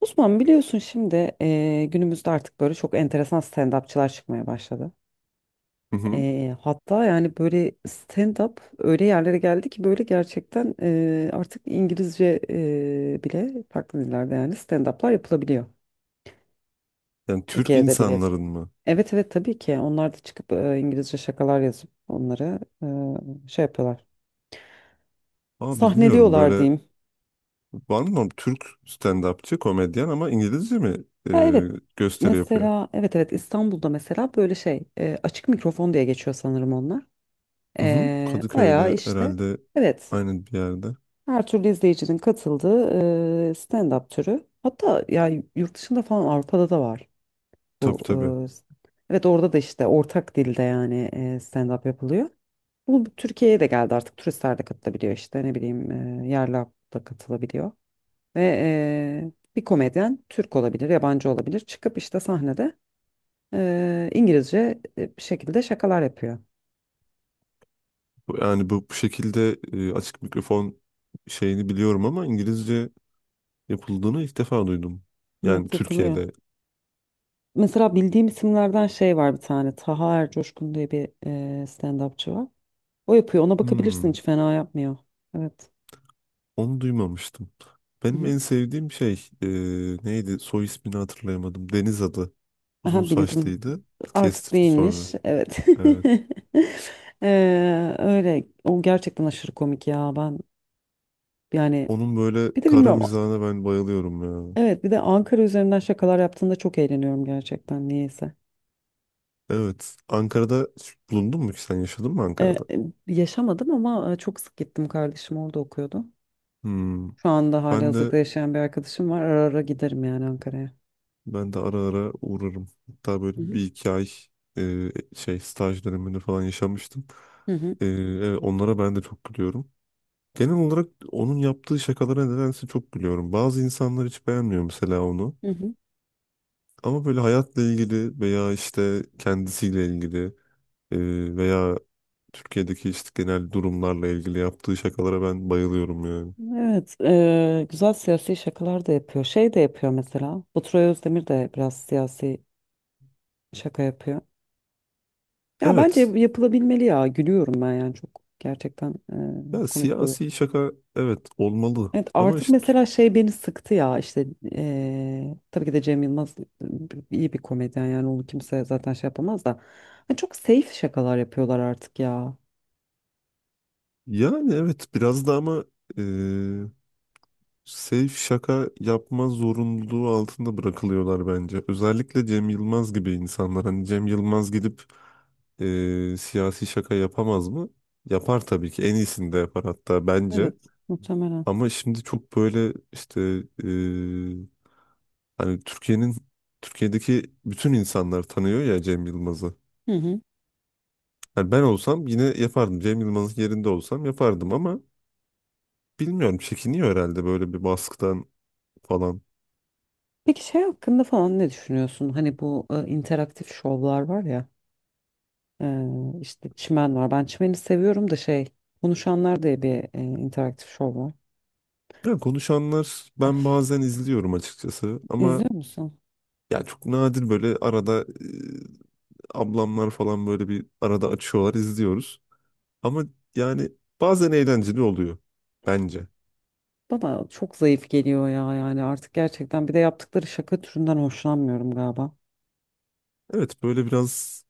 Osman biliyorsun şimdi günümüzde artık böyle çok enteresan stand-upçılar çıkmaya başladı. Hı hı. Hatta yani böyle stand-up öyle yerlere geldi ki böyle gerçekten artık İngilizce bile farklı dillerde yani stand-up'lar yapılabiliyor. Yani Türk Türkiye'de bile. insanların mı? Evet, evet, tabii ki onlar da çıkıp İngilizce şakalar yazıp onları şey yapıyorlar. Aa bilmiyorum Sahneliyorlar böyle diyeyim. var mı Türk stand-upçı komedyen ama İngilizce mi e, Ya evet, gösteri yapıyor? mesela evet, evet, İstanbul'da mesela böyle şey açık mikrofon diye geçiyor sanırım onlar. Hı hı. Bayağı Kadıköy'de işte herhalde evet, aynı bir yerde. her türlü izleyicinin katıldığı stand-up türü. Hatta ya yurt dışında falan Avrupa'da da var Tabii, bu. tabii. Evet, orada da işte ortak dilde yani stand-up yapılıyor. Bu Türkiye'ye de geldi, artık turistler de katılabiliyor işte ne bileyim yerli halk da katılabiliyor. Ve bir komedyen Türk olabilir, yabancı olabilir, çıkıp işte sahnede İngilizce bir şekilde şakalar yapıyor. Yani bu şekilde açık mikrofon şeyini biliyorum ama İngilizce yapıldığını ilk defa duydum. Yani Evet, yapılıyor. Türkiye'de. Mesela bildiğim isimlerden şey var, bir tane. Taha Ercoşkun diye bir stand-upçı var. O yapıyor. Ona bakabilirsin. Hmm, Hiç fena yapmıyor. Evet. onu duymamıştım. Hı Benim hı. en sevdiğim şey e, neydi? Soy ismini hatırlayamadım. Deniz adı. Uzun Aha, bildim. saçlıydı. Artık Kestirdi sonra. değilmiş. Evet. Evet. Öyle. O gerçekten aşırı komik ya. Ben yani Onun böyle bir de kara bilmiyorum. mizahına ben bayılıyorum ya. Evet, bir de Ankara üzerinden şakalar yaptığında çok eğleniyorum gerçekten, niyeyse. Evet. Ankara'da hiç bulundun mu ki sen yaşadın mı Ee, Ankara'da? Yaşamadım ama çok sık gittim. Kardeşim orada okuyordu. Hmm. Şu anda hali Ben de hazırda yaşayan bir arkadaşım var. Ara ara giderim yani Ankara'ya. ben de ara ara uğrarım. Hatta böyle Hı hı. bir iki ay şey staj döneminde falan yaşamıştım. Hı hı. Evet, onlara ben de çok gülüyorum. Genel olarak onun yaptığı şakalara nedense çok gülüyorum. Bazı insanlar hiç beğenmiyor mesela onu. Hı hı. Ama böyle hayatla ilgili veya işte kendisiyle ilgili, veya Türkiye'deki işte genel durumlarla ilgili yaptığı şakalara ben bayılıyorum yani. Evet, güzel siyasi şakalar da yapıyor. Şey de yapıyor mesela. Baturay Özdemir de biraz siyasi şaka yapıyor. Ya bence Evet. yapılabilmeli ya. Gülüyorum ben, yani çok gerçekten Ya komik oluyor. siyasi şaka, evet, olmalı. Evet, Ama artık işte mesela şey beni sıktı ya, işte tabii ki de Cem Yılmaz iyi bir komedyen, yani onu kimse zaten şey yapamaz da. Hani çok safe şakalar yapıyorlar artık ya. yani evet biraz da ama e, safe şaka yapma zorunluluğu altında bırakılıyorlar bence. Özellikle Cem Yılmaz gibi insanlar. Hani Cem Yılmaz gidip siyasi şaka yapamaz mı? Yapar tabii ki. En iyisini de yapar hatta bence. Evet, muhtemelen. Ama şimdi çok böyle işte hani Türkiye'deki bütün insanlar tanıyor ya Cem Yılmaz'ı. Hı hı. Hani ben olsam yine yapardım. Cem Yılmaz'ın yerinde olsam yapardım ama bilmiyorum, çekiniyor herhalde böyle bir baskıdan falan. Peki şey hakkında falan ne düşünüyorsun? Hani bu interaktif şovlar var ya, e, işte çimen var. Ben çimeni seviyorum da şey, konuşanlar diye bir interaktif şov var. Ya konuşanlar, ben Öf, bazen izliyorum açıkçası ama İzliyor musun? ya çok nadir böyle arada ablamlar falan böyle bir arada açıyorlar, izliyoruz. Ama yani bazen eğlenceli oluyor bence. Bana çok zayıf geliyor ya, yani artık gerçekten, bir de yaptıkları şaka türünden hoşlanmıyorum galiba. Evet, böyle biraz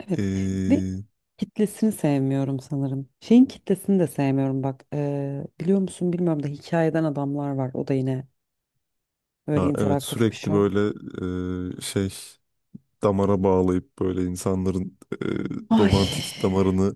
Evet, ve e, kitlesini sevmiyorum sanırım. Şeyin kitlesini de sevmiyorum, bak biliyor musun bilmiyorum da, hikayeden adamlar var, o da yine böyle ha, evet, interaktif bir sürekli şov. böyle şey, damara bağlayıp böyle insanların Ay, romantik damarını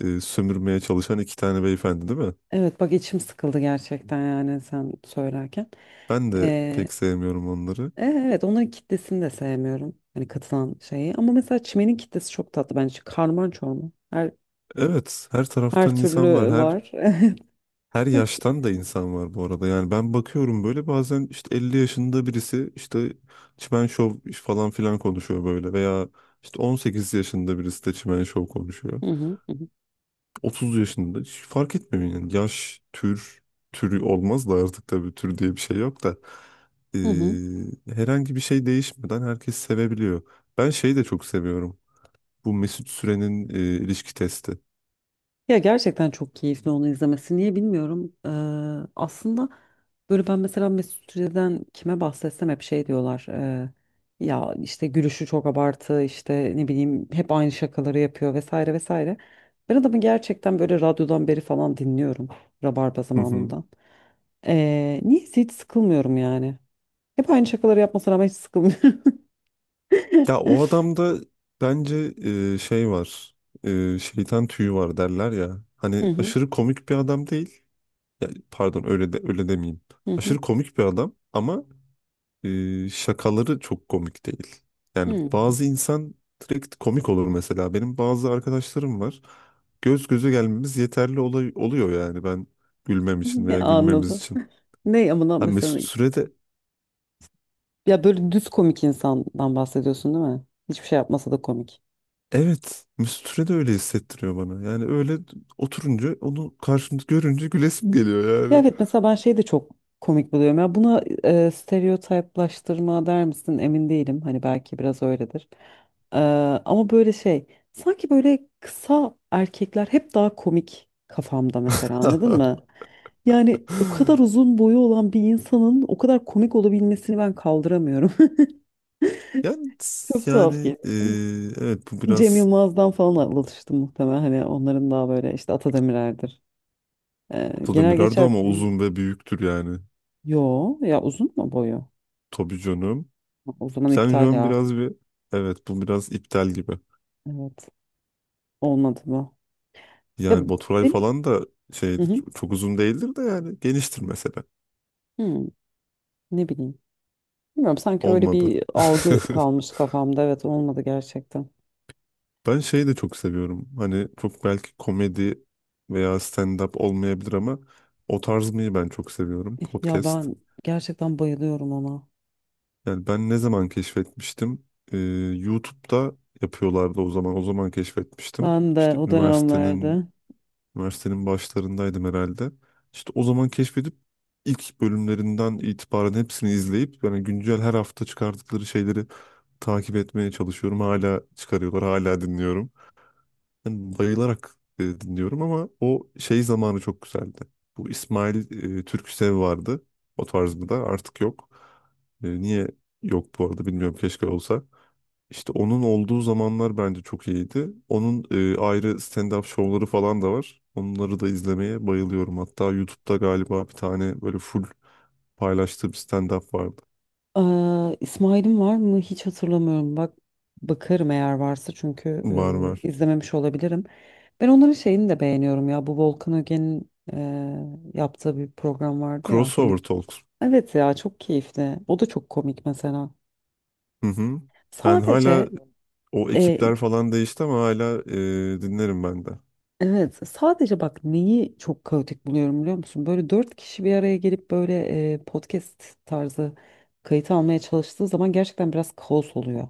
sömürmeye çalışan iki tane beyefendi değil mi? evet, bak içim sıkıldı gerçekten, yani sen söylerken. Ben de Ee, pek sevmiyorum onları. Evet, onların kitlesini de sevmiyorum. Hani katılan şeyi. Ama mesela çimenin kitlesi çok tatlı bence. Karman çorman. Her, Evet, her her taraftan insan var. türlü Her var. her yaştan da insan var bu arada. Yani ben bakıyorum böyle bazen işte 50 yaşında birisi işte çimen şov falan filan konuşuyor böyle, veya işte 18 yaşında birisi de çimen şov konuşuyor. Hı hı, hı hı, 30 yaşında hiç fark etmiyor yani yaş, türü olmaz da artık, tabii tür diye bir şey yok da. hı hı. Ee, herhangi bir şey değişmeden herkes sevebiliyor. Ben şeyi de çok seviyorum. Bu Mesut Süren'in ilişki testi. Ya gerçekten çok keyifli onu izlemesi. Niye bilmiyorum. Aslında böyle ben mesela Mesut Süre'den kime bahsetsem hep şey diyorlar. Ya işte gülüşü çok abartı, işte ne bileyim hep aynı şakaları yapıyor vesaire vesaire. Ben adamı gerçekten böyle radyodan beri falan dinliyorum. Rabarba Hı hı. zamanından. Niyeyse hiç sıkılmıyorum yani. Hep aynı şakaları yapmasına rağmen hiç sıkılmıyorum. Ya o adamda bence şey var. Şeytan tüyü var derler ya. Hı Hani hı, aşırı komik bir adam değil. Yani pardon, öyle de öyle demeyeyim. hı Aşırı hı. komik bir adam ama şakaları çok komik değil. Yani Hı. bazı insan direkt komik olur mesela. Benim bazı arkadaşlarım var. Göz göze gelmemiz yeterli, oluyor yani ben gülmem için Ne veya gülmemiz anladım. için. Ne amına Ha, mesela. Mesut Süre de Ya böyle düz komik insandan bahsediyorsun değil mi? Hiçbir şey yapmasa da komik. evet Mesut Süre de öyle hissettiriyor bana. Yani öyle oturunca onu karşımda görünce gülesim geliyor Ya yani. evet, mesela ben şeyi de çok komik buluyorum. Ya buna stereotiplaştırma der misin emin değilim. Hani belki biraz öyledir. E, Ama böyle şey, sanki böyle kısa erkekler hep daha komik kafamda mesela, anladın mı? Yani o kadar uzun boyu olan bir insanın o kadar komik olabilmesini ben kaldıramıyorum. Yani Çok yani tuhaf geliyor. e, evet, bu Cem biraz Yılmaz'dan falan alıştım muhtemelen. Hani onların daha böyle işte Atademir'lerdir. Ee, genel Atademirer'di geçer ama bir- uzun ve büyüktür yani. Yo ya, uzun mu boyu? Tabii canım. Ha, o zaman Sen şu iptal an ya. biraz bir... Evet, bu biraz iptal gibi. Evet. Olmadı mı? Ya Yani Baturay benim. falan da Hı şeydi, hı. çok uzun değildir de yani geniştir mesela. Hı, ne bileyim. Bilmiyorum, sanki öyle Olmadı. bir algı kalmış kafamda. Evet, olmadı gerçekten. Ben şeyi de çok seviyorum. Hani çok belki komedi veya stand-up olmayabilir ama o tarzmayı ben çok seviyorum. Ya Podcast. ben gerçekten bayılıyorum ona. Yani ben ne zaman keşfetmiştim? Ee, YouTube'da yapıyorlardı o zaman. O zaman keşfetmiştim. Ben de İşte o dönemlerde. Üniversitenin başlarındaydım herhalde. İşte o zaman keşfedip ilk bölümlerinden itibaren hepsini izleyip, yani güncel her hafta çıkardıkları şeyleri takip etmeye çalışıyorum. Hala çıkarıyorlar, hala dinliyorum. Yani bayılarak dinliyorum ama o şey zamanı çok güzeldi. Bu İsmail Türküsev vardı. O tarz mı da artık yok. Niye yok bu arada bilmiyorum, keşke olsa. İşte onun olduğu zamanlar bence çok iyiydi. Onun ayrı stand-up şovları falan da var. Onları da izlemeye bayılıyorum. Hatta YouTube'da galiba bir tane böyle full paylaştığı bir stand-up vardı. Aa, İsmail'im var mı? Hiç hatırlamıyorum. Bak, bakarım eğer varsa, çünkü Var, var. İzlememiş olabilirim. Ben onların şeyini de beğeniyorum ya. Bu Volkan Öge'nin yaptığı bir program vardı ya. Crossover Birlik... Talks. Evet ya, çok keyifli. O da çok komik mesela. Hı hı. Ben hala, Sadece o eee, ekipler falan değişti ama hala dinlerim ben de. evet, sadece bak neyi çok kaotik buluyorum biliyor musun? Böyle dört kişi bir araya gelip böyle podcast tarzı kayıt almaya çalıştığı zaman gerçekten biraz kaos oluyor.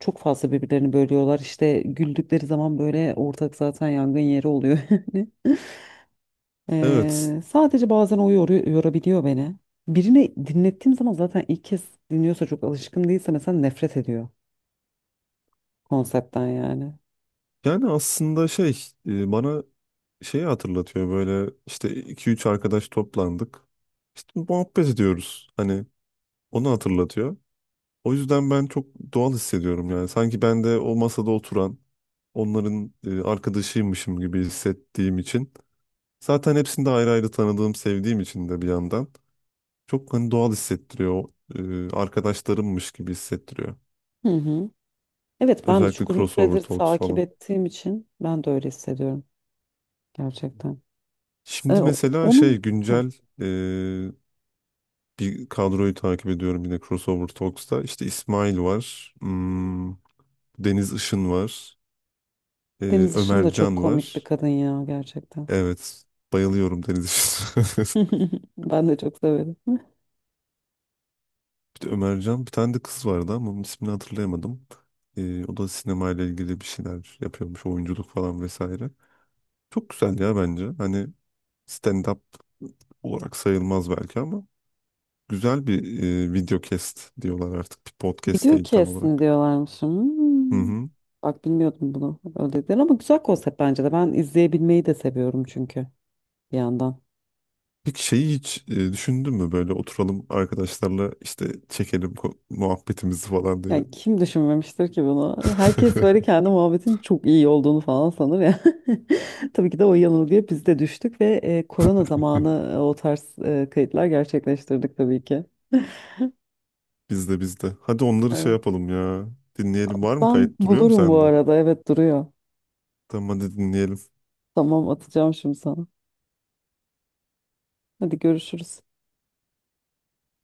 Çok fazla birbirlerini bölüyorlar. İşte güldükleri zaman böyle ortak zaten yangın yeri oluyor. Yani. Evet. Sadece bazen o yorabiliyor beni. Birine dinlettiğim zaman, zaten ilk kez dinliyorsa, çok alışkın değilse mesela, nefret ediyor konseptten yani. Yani aslında şey bana şeyi hatırlatıyor, böyle işte iki üç arkadaş toplandık. İşte muhabbet ediyoruz. Hani onu hatırlatıyor. O yüzden ben çok doğal hissediyorum yani. Sanki ben de o masada oturan onların arkadaşıymışım gibi hissettiğim için. Zaten hepsini de ayrı ayrı tanıdığım, sevdiğim için de bir yandan. Çok hani doğal hissettiriyor. Arkadaşlarımmış gibi hissettiriyor. Hı hı. Evet, ben de Özellikle çok uzun Crossover süredir Talks takip falan. ettiğim için ben de öyle hissediyorum gerçekten. Şimdi mesela şey Onun. Hı. güncel e, bir kadroyu takip ediyorum yine Crossover Talks'ta. İşte İsmail var. Deniz Işın var. e, Deniz Işın Ömer da çok Can komik bir var. kadın ya, gerçekten. Evet. Bayılıyorum Deniz Işık'a. Ben de çok severim. Bir de Ömercan, bir tane de kız vardı ama onun ismini hatırlayamadım. O da sinemayla ilgili bir şeyler yapıyormuş. Oyunculuk falan vesaire. Çok güzel ya bence. Hani stand-up olarak sayılmaz belki ama güzel bir video cast diyorlar artık. Bir podcast Video değil tam kesimi olarak. diyorlarmış. Hı Hmm. hı. Bak, bilmiyordum bunu. Öyle dediler ama güzel konsept bence de. Ben izleyebilmeyi de seviyorum çünkü, bir yandan. Peki şeyi hiç düşündün mü, böyle oturalım arkadaşlarla işte çekelim muhabbetimizi falan diye? Yani kim düşünmemiştir ki bunu? Herkes böyle kendi muhabbetin çok iyi olduğunu falan sanır ya. Tabii ki de o yanılgıya biz de düştük ve korona zamanı o tarz kayıtlar gerçekleştirdik tabii ki. Bizde, bizde. Hadi onları şey Evet. yapalım ya. Dinleyelim. Var mı, Ben kayıt duruyor mu bulurum bu sende? arada. Evet, duruyor. Tamam, hadi dinleyelim. Tamam, atacağım şimdi sana. Hadi görüşürüz.